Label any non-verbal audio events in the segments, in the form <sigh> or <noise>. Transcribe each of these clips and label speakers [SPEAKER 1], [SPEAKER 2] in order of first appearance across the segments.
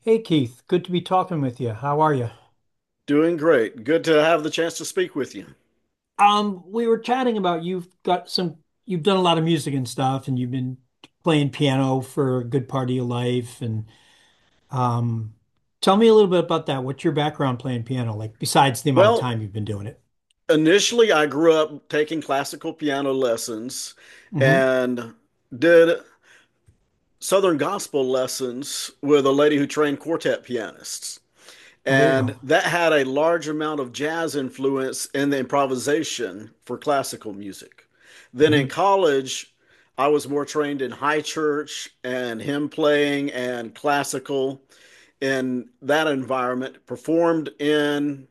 [SPEAKER 1] Hey Keith, good to be talking with you. How are you?
[SPEAKER 2] Doing great. Good to have the chance to speak with you.
[SPEAKER 1] We were chatting about you've got some, you've done a lot of music and stuff, and you've been playing piano for a good part of your life. And um, tell me a little bit about that. What's your background playing piano like, besides the amount of
[SPEAKER 2] Well,
[SPEAKER 1] time you've been doing it?
[SPEAKER 2] initially, I grew up taking classical piano lessons
[SPEAKER 1] Hmm.
[SPEAKER 2] and did Southern gospel lessons with a lady who trained quartet pianists.
[SPEAKER 1] Oh, there you go.
[SPEAKER 2] And that had a large amount of jazz influence in the improvisation for classical music. Then in
[SPEAKER 1] Hmm.
[SPEAKER 2] college, I was more trained in high church and hymn playing and classical in that environment, performed in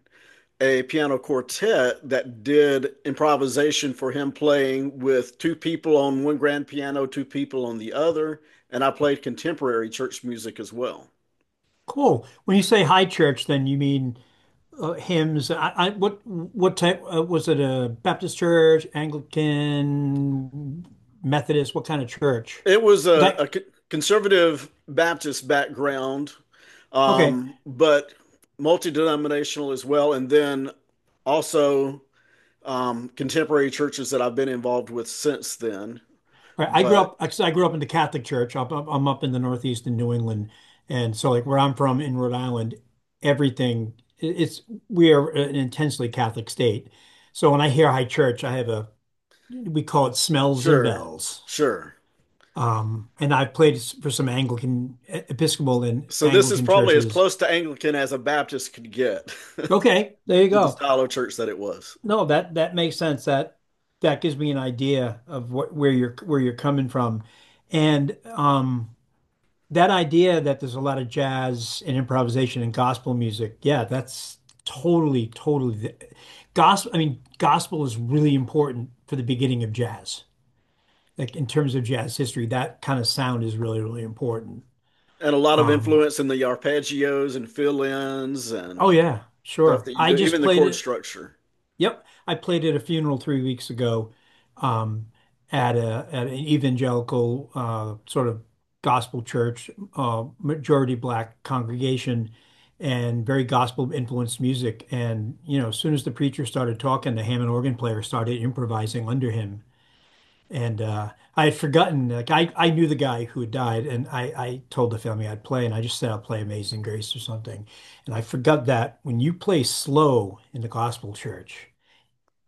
[SPEAKER 2] a piano quartet that did improvisation for him playing with two people on one grand piano, two people on the other, and I played contemporary church music as well.
[SPEAKER 1] Cool. When you say high church, then you mean hymns. What type was it? A Baptist church, Anglican, Methodist? What kind of church?
[SPEAKER 2] It was
[SPEAKER 1] 'Cause
[SPEAKER 2] a conservative Baptist background,
[SPEAKER 1] I, okay.
[SPEAKER 2] but multi denominational as well, and then also contemporary churches that I've been involved with since then.
[SPEAKER 1] Right. I grew
[SPEAKER 2] But
[SPEAKER 1] up, actually, I grew up in the Catholic Church. I'm up in the Northeast in New England. And so, like, where I'm from in Rhode Island, everything, it's, we are an intensely Catholic state. So when I hear high church, I have a, we call it smells and
[SPEAKER 2] sure,
[SPEAKER 1] bells.
[SPEAKER 2] sure.
[SPEAKER 1] And I've played for some Anglican, Episcopal and
[SPEAKER 2] So this is
[SPEAKER 1] Anglican
[SPEAKER 2] probably as
[SPEAKER 1] churches.
[SPEAKER 2] close to Anglican as a Baptist could get <laughs>
[SPEAKER 1] Okay, there you
[SPEAKER 2] with the
[SPEAKER 1] go.
[SPEAKER 2] style of church that it was.
[SPEAKER 1] No, that makes sense. That gives me an idea of what, where you're coming from. And, that idea that there's a lot of jazz and improvisation and gospel music, yeah, that's totally, totally the, gospel. I mean, gospel is really important for the beginning of jazz. Like in terms of jazz history, that kind of sound is really, really important.
[SPEAKER 2] And a lot of
[SPEAKER 1] Um,
[SPEAKER 2] influence in the arpeggios and fill ins
[SPEAKER 1] oh
[SPEAKER 2] and
[SPEAKER 1] yeah,
[SPEAKER 2] stuff
[SPEAKER 1] sure.
[SPEAKER 2] that you
[SPEAKER 1] I
[SPEAKER 2] do,
[SPEAKER 1] just
[SPEAKER 2] even the
[SPEAKER 1] played
[SPEAKER 2] chord
[SPEAKER 1] it.
[SPEAKER 2] structure.
[SPEAKER 1] Yep, I played at a funeral 3 weeks ago, um, at a at an evangelical sort of gospel church, majority black congregation, and very gospel influenced music. And you know, as soon as the preacher started talking, the Hammond organ player started improvising under him. And I had forgotten, like I knew the guy who had died, and I told the family I'd play, and I just said I'll play Amazing Grace or something. And I forgot that when you play slow in the gospel church,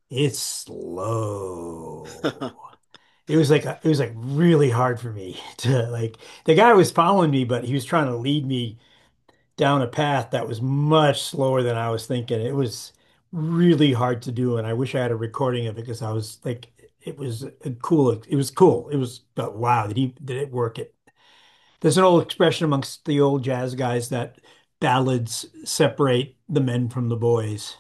[SPEAKER 1] it's
[SPEAKER 2] <laughs>
[SPEAKER 1] slow.
[SPEAKER 2] Hmm.
[SPEAKER 1] It was like a, it was like really hard for me <laughs> to like the guy was following me, but he was trying to lead me down a path that was much slower than I was thinking. It was really hard to do, and I wish I had a recording of it because I was like, it was a cool. It was cool. It was, but wow, did he did it work it? There's an old expression amongst the old jazz guys that ballads separate the men from the boys.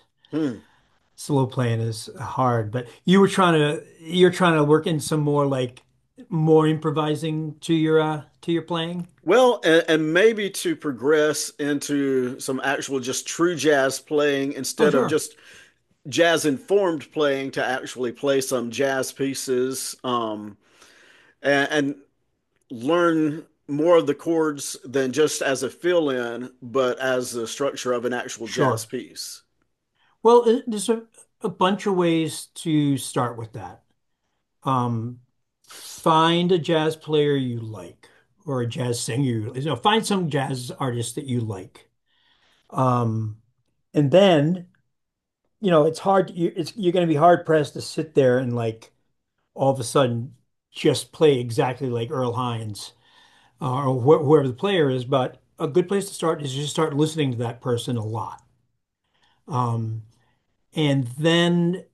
[SPEAKER 1] Slow playing is hard, but you were trying to you're trying to work in some more like more improvising to your playing.
[SPEAKER 2] Well, and maybe to progress into some actual just true jazz playing
[SPEAKER 1] Oh,
[SPEAKER 2] instead of
[SPEAKER 1] sure.
[SPEAKER 2] just jazz informed playing to actually play some jazz pieces. And learn more of the chords than just as a fill-in, but as the structure of an actual jazz
[SPEAKER 1] Sure.
[SPEAKER 2] piece.
[SPEAKER 1] Well, there's a bunch of ways to start with that. Um, Find a jazz player you like or a jazz singer you, you know, find some jazz artist that you like. Um, and then, you know, it's hard, you, it's, you're going to be hard pressed to sit there and like all of a sudden just play exactly like Earl Hines or wh whoever the player is. But a good place to start is just start listening to that person a lot. Um, and then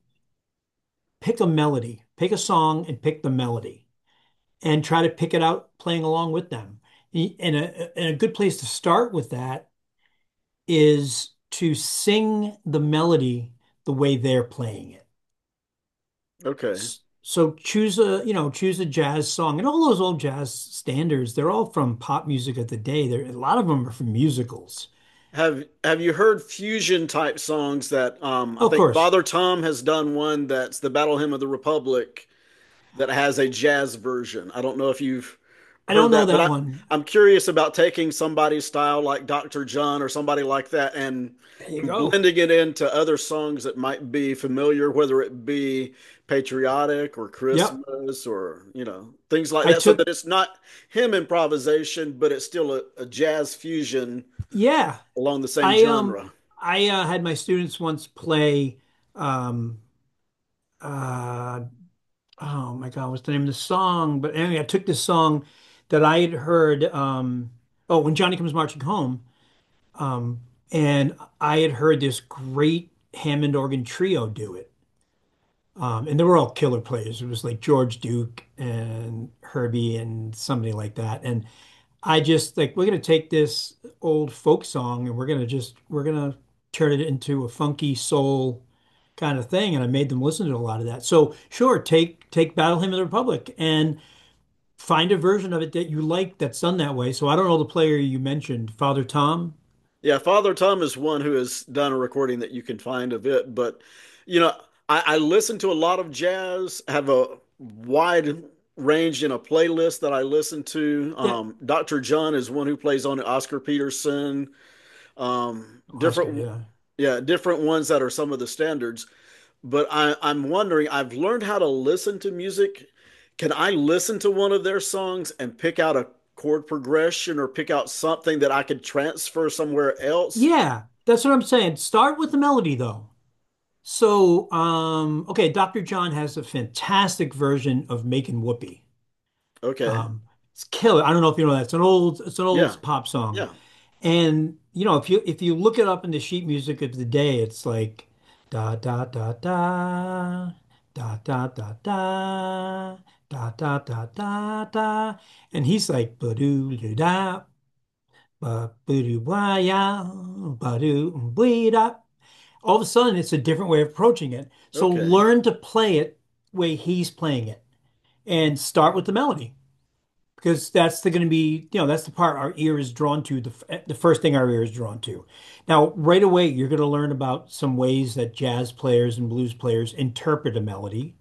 [SPEAKER 1] pick a melody, pick a song and pick the melody and try to pick it out playing along with them. And a good place to start with that is to sing the melody the way they're playing it.
[SPEAKER 2] Okay.
[SPEAKER 1] So choose a, you know, choose a jazz song. And all those old jazz standards, they're all from pop music of the day. There, a lot of them are from musicals.
[SPEAKER 2] Have you heard fusion type songs that I
[SPEAKER 1] Of
[SPEAKER 2] think
[SPEAKER 1] course,
[SPEAKER 2] Father Tom has done one that's the Battle Hymn of the Republic that has a jazz version? I don't know if you've
[SPEAKER 1] I don't
[SPEAKER 2] heard
[SPEAKER 1] know
[SPEAKER 2] that, but
[SPEAKER 1] that one.
[SPEAKER 2] I'm curious about taking somebody's style like Dr. John or somebody like that and
[SPEAKER 1] There you go.
[SPEAKER 2] blending it into other songs that might be familiar, whether it be patriotic or
[SPEAKER 1] Yep.
[SPEAKER 2] Christmas or, you know, things like
[SPEAKER 1] I
[SPEAKER 2] that, so
[SPEAKER 1] took,
[SPEAKER 2] that it's not him improvisation, but it's still a jazz fusion
[SPEAKER 1] yeah.
[SPEAKER 2] along the same
[SPEAKER 1] I um
[SPEAKER 2] genre.
[SPEAKER 1] I had my students once play um uh oh my God, what's the name of the song? But anyway, I took this song that I had heard oh, When Johnny Comes Marching Home. Um, and I had heard this great Hammond organ trio do it. And they were all killer players. It was like George Duke and Herbie and somebody like that. And I just like, we're going to take this old folk song and we're going to just, we're going to turn it into a funky soul kind of thing. And I made them listen to a lot of that. So sure, take, take Battle Hymn of the Republic and find a version of it that you like that's done that way. So I don't know the player you mentioned, Father Tom.
[SPEAKER 2] Yeah, Father Tom is one who has done a recording that you can find of it. But, you know, I listen to a lot of jazz, have a wide range in a playlist that I listen to.
[SPEAKER 1] Yeah.
[SPEAKER 2] Dr. John is one who plays on it, Oscar Peterson, um,
[SPEAKER 1] Oscar.
[SPEAKER 2] different,
[SPEAKER 1] Yeah.
[SPEAKER 2] yeah, different ones that are some of the standards. But I'm wondering, I've learned how to listen to music. Can I listen to one of their songs and pick out a chord progression or pick out something that I could transfer somewhere else?
[SPEAKER 1] Yeah, that's what I'm saying. Start with the melody though. So, okay, Dr. John has a fantastic version of Making Whoopee.
[SPEAKER 2] Okay.
[SPEAKER 1] Um, it's killer. I don't know if you know that. It's an
[SPEAKER 2] Yeah.
[SPEAKER 1] old pop song.
[SPEAKER 2] Yeah.
[SPEAKER 1] And you know, if you look it up in the sheet music of the day, it's like da da da da da da da da da da da da da. And he's like ba doo da ba ba doo wah ya ba doo da all of a sudden it's a different way of approaching it. So
[SPEAKER 2] Okay.
[SPEAKER 1] learn to play it the way he's playing it and start with the melody because that's going to be, you know, that's the part our ear is drawn to, the first thing our ear is drawn to. Now, right away, you're going to learn about some ways that jazz players and blues players interpret a melody.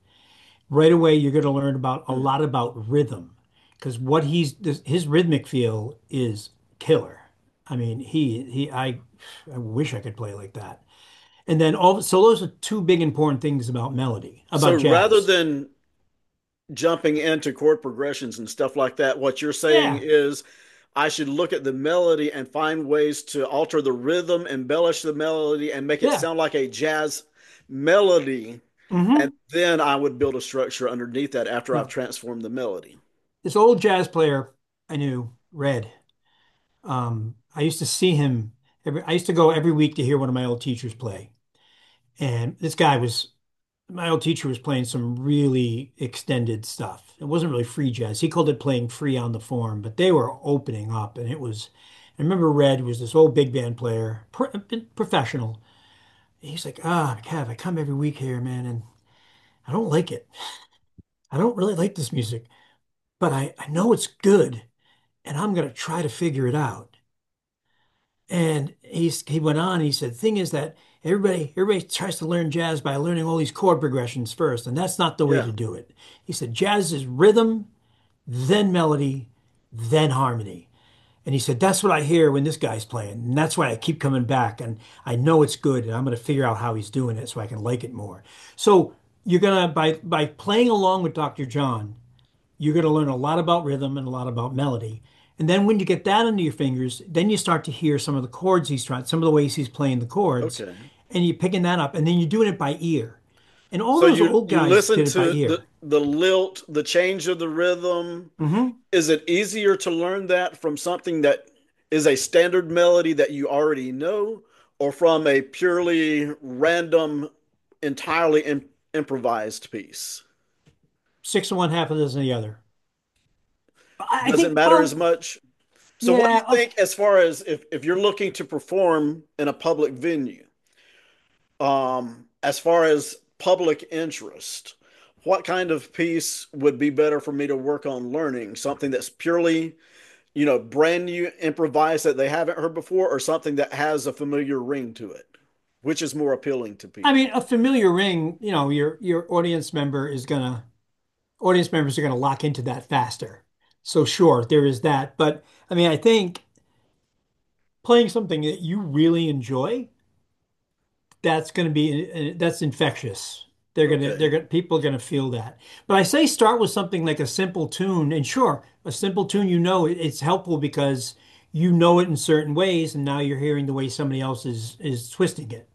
[SPEAKER 1] Right away, you're going to learn about a
[SPEAKER 2] Hmm.
[SPEAKER 1] lot about rhythm because what he's, his rhythmic feel is killer. I mean, I wish I could play like that. And then all so those are two big important things about melody,
[SPEAKER 2] So
[SPEAKER 1] about
[SPEAKER 2] rather
[SPEAKER 1] jazz.
[SPEAKER 2] than jumping into chord progressions and stuff like that, what you're saying
[SPEAKER 1] Yeah,
[SPEAKER 2] is I should look at the melody and find ways to alter the rhythm, embellish the melody, and make it
[SPEAKER 1] yeah.
[SPEAKER 2] sound like a jazz melody. And
[SPEAKER 1] Mm-hmm.
[SPEAKER 2] then I would build a structure underneath that after I've
[SPEAKER 1] Yeah.
[SPEAKER 2] transformed the melody.
[SPEAKER 1] This old jazz player I knew, Red. I used to see him every I used to go every week to hear one of my old teachers play. And this guy was my old teacher was playing some really extended stuff. It wasn't really free jazz. He called it playing free on the form, but they were opening up and it was I remember Red was this old big band player, professional. He's like, ah, oh, Kev, I come every week here, man, and I don't like it. I don't really like this music, but I know it's good and I'm going to try to figure it out. And he went on, he said, thing is that everybody tries to learn jazz by learning all these chord progressions first, and that's not the way
[SPEAKER 2] Yeah.
[SPEAKER 1] to do it. He said, jazz is rhythm, then melody, then harmony. And he said, that's what I hear when this guy's playing. And that's why I keep coming back. And I know it's good. And I'm going to figure out how he's doing it so I can like it more. So you're going to, by playing along with Dr. John, you're going to learn a lot about rhythm and a lot about melody. And then when you get that under your fingers, then you start to hear some of the chords he's trying, some of the ways he's playing the chords,
[SPEAKER 2] Okay.
[SPEAKER 1] and you're picking that up. And then you're doing it by ear. And all
[SPEAKER 2] So
[SPEAKER 1] those
[SPEAKER 2] you
[SPEAKER 1] old
[SPEAKER 2] you
[SPEAKER 1] guys
[SPEAKER 2] listen
[SPEAKER 1] did it by
[SPEAKER 2] to the
[SPEAKER 1] ear.
[SPEAKER 2] lilt, the change of the rhythm.
[SPEAKER 1] Mm-hmm.
[SPEAKER 2] Is it easier to learn that from something that is a standard melody that you already know, or from a purely random, entirely improvised piece?
[SPEAKER 1] Six of one, half a dozen of the other. I
[SPEAKER 2] Doesn't
[SPEAKER 1] think,
[SPEAKER 2] matter as
[SPEAKER 1] well,
[SPEAKER 2] much. So, what do you
[SPEAKER 1] yeah. Okay.
[SPEAKER 2] think as far as, if you're looking to perform in a public venue, as far as public interest? What kind of piece would be better for me to work on learning? Something that's purely, you know, brand new improvised that they haven't heard before, or something that has a familiar ring to it, which is more appealing to
[SPEAKER 1] I
[SPEAKER 2] people?
[SPEAKER 1] mean, a familiar ring, you know, your audience member is gonna audience members are gonna lock into that faster. So sure, there is that. But I mean, I think playing something that you really enjoy that's going to be that's infectious. They're
[SPEAKER 2] Okay,
[SPEAKER 1] gonna people are gonna feel that. But I say start with something like a simple tune, and sure, a simple tune you know it's helpful because you know it in certain ways, and now you're hearing the way somebody else is twisting it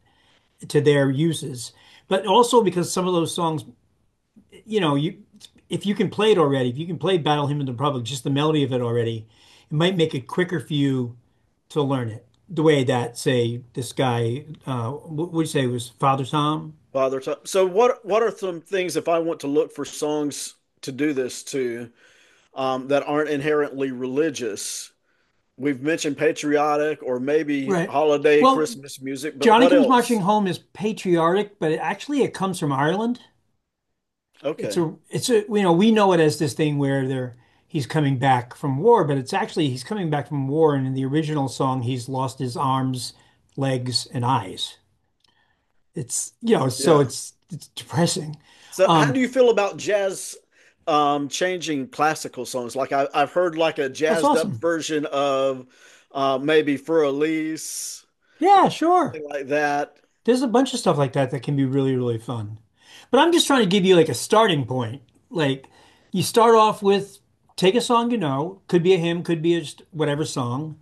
[SPEAKER 1] to their uses. But also because some of those songs, you know, you if you can play it already, if you can play Battle Hymn of the Republic, just the melody of it already, it might make it quicker for you to learn it. The way that, say, this guy, what would you say was Father Tom?
[SPEAKER 2] Father Time. So, what are some things if I want to look for songs to do this to, that aren't inherently religious? We've mentioned patriotic or maybe
[SPEAKER 1] Right.
[SPEAKER 2] holiday
[SPEAKER 1] Well,
[SPEAKER 2] Christmas music, but
[SPEAKER 1] Johnny
[SPEAKER 2] what
[SPEAKER 1] Comes Marching
[SPEAKER 2] else?
[SPEAKER 1] Home is patriotic, but it actually it comes from Ireland.
[SPEAKER 2] Okay,
[SPEAKER 1] It's a you know, we know it as this thing where they're he's coming back from war, but it's actually he's coming back from war and in the original song he's lost his arms, legs, and eyes. It's you know, so
[SPEAKER 2] yeah.
[SPEAKER 1] it's depressing.
[SPEAKER 2] So, how
[SPEAKER 1] Um,
[SPEAKER 2] do you feel about jazz, changing classical songs? Like I've heard like a
[SPEAKER 1] that's
[SPEAKER 2] jazzed up
[SPEAKER 1] awesome.
[SPEAKER 2] version of, maybe For Elise or
[SPEAKER 1] Yeah, sure.
[SPEAKER 2] something like that.
[SPEAKER 1] There's a bunch of stuff like that that can be really, really fun. But I'm just trying to give you like a starting point. Like you start off with take a song you know, could be a hymn, could be a just whatever song,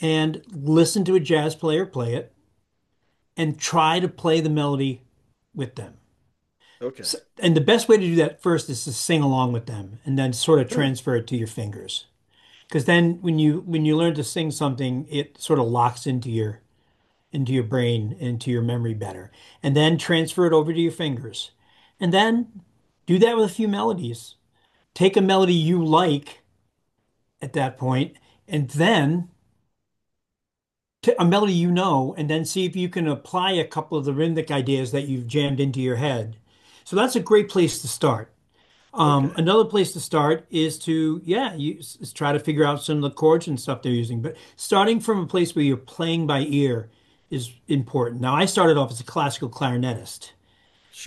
[SPEAKER 1] and listen to a jazz player play it and try to play the melody with them.
[SPEAKER 2] Okay.
[SPEAKER 1] So, and the best way to do that first is to sing along with them and then sort of
[SPEAKER 2] Hmm.
[SPEAKER 1] transfer it to your fingers. Because then when you learn to sing something, it sort of locks into your brain, into your memory better, and then transfer it over to your fingers. And then do that with a few melodies. Take a melody you like at that point, and then to a melody you know, and then see if you can apply a couple of the rhythmic ideas that you've jammed into your head. So that's a great place to start.
[SPEAKER 2] Okay.
[SPEAKER 1] Another place to start is to, yeah, you try to figure out some of the chords and stuff they're using. But starting from a place where you're playing by ear is important. Now, I started off as a classical clarinetist,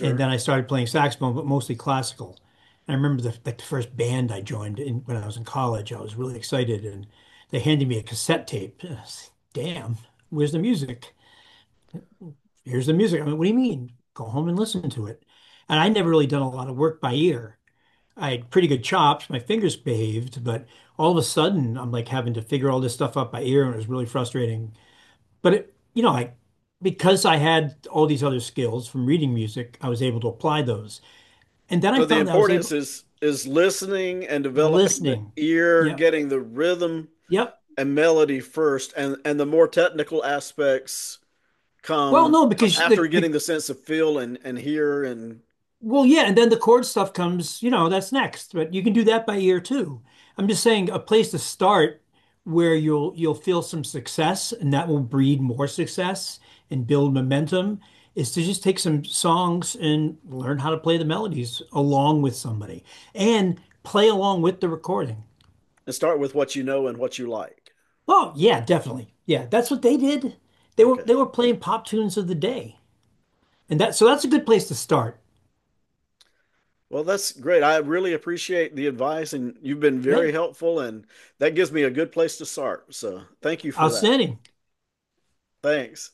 [SPEAKER 1] and then I started playing saxophone, but mostly classical. And I remember the, like the first band I joined in, when I was in college. I was really excited, and they handed me a cassette tape. And I was like, Damn, where's the music? Here's the music. I mean, what do you mean? Go home and listen to it. And I never really done a lot of work by ear. I had pretty good chops. My fingers behaved, but all of a sudden, I'm like having to figure all this stuff out by ear, and it was really frustrating. But it, you know, I because I had all these other skills from reading music, I was able to apply those. And then I
[SPEAKER 2] So the
[SPEAKER 1] found that I was
[SPEAKER 2] importance
[SPEAKER 1] able
[SPEAKER 2] is listening and developing the
[SPEAKER 1] listening.
[SPEAKER 2] ear,
[SPEAKER 1] Yeah.
[SPEAKER 2] getting the rhythm
[SPEAKER 1] Yep.
[SPEAKER 2] and melody first, and the more technical aspects
[SPEAKER 1] Well,
[SPEAKER 2] come
[SPEAKER 1] no,
[SPEAKER 2] come
[SPEAKER 1] because
[SPEAKER 2] after getting the sense of feel and hear
[SPEAKER 1] well, yeah, and then the chord stuff comes, you know, that's next, but you can do that by ear too. I'm just saying a place to start where you'll feel some success and that will breed more success and build momentum is to just take some songs and learn how to play the melodies along with somebody and play along with the recording.
[SPEAKER 2] and start with what you know and what you like.
[SPEAKER 1] Oh, yeah, definitely. Yeah, that's what they did.
[SPEAKER 2] Okay.
[SPEAKER 1] They were playing pop tunes of the day. And that so that's a good place to start.
[SPEAKER 2] Well, that's great. I really appreciate the advice, and you've been very
[SPEAKER 1] Hey,
[SPEAKER 2] helpful, and that gives me a good place to start. So, thank you for that.
[SPEAKER 1] outstanding.
[SPEAKER 2] Thanks.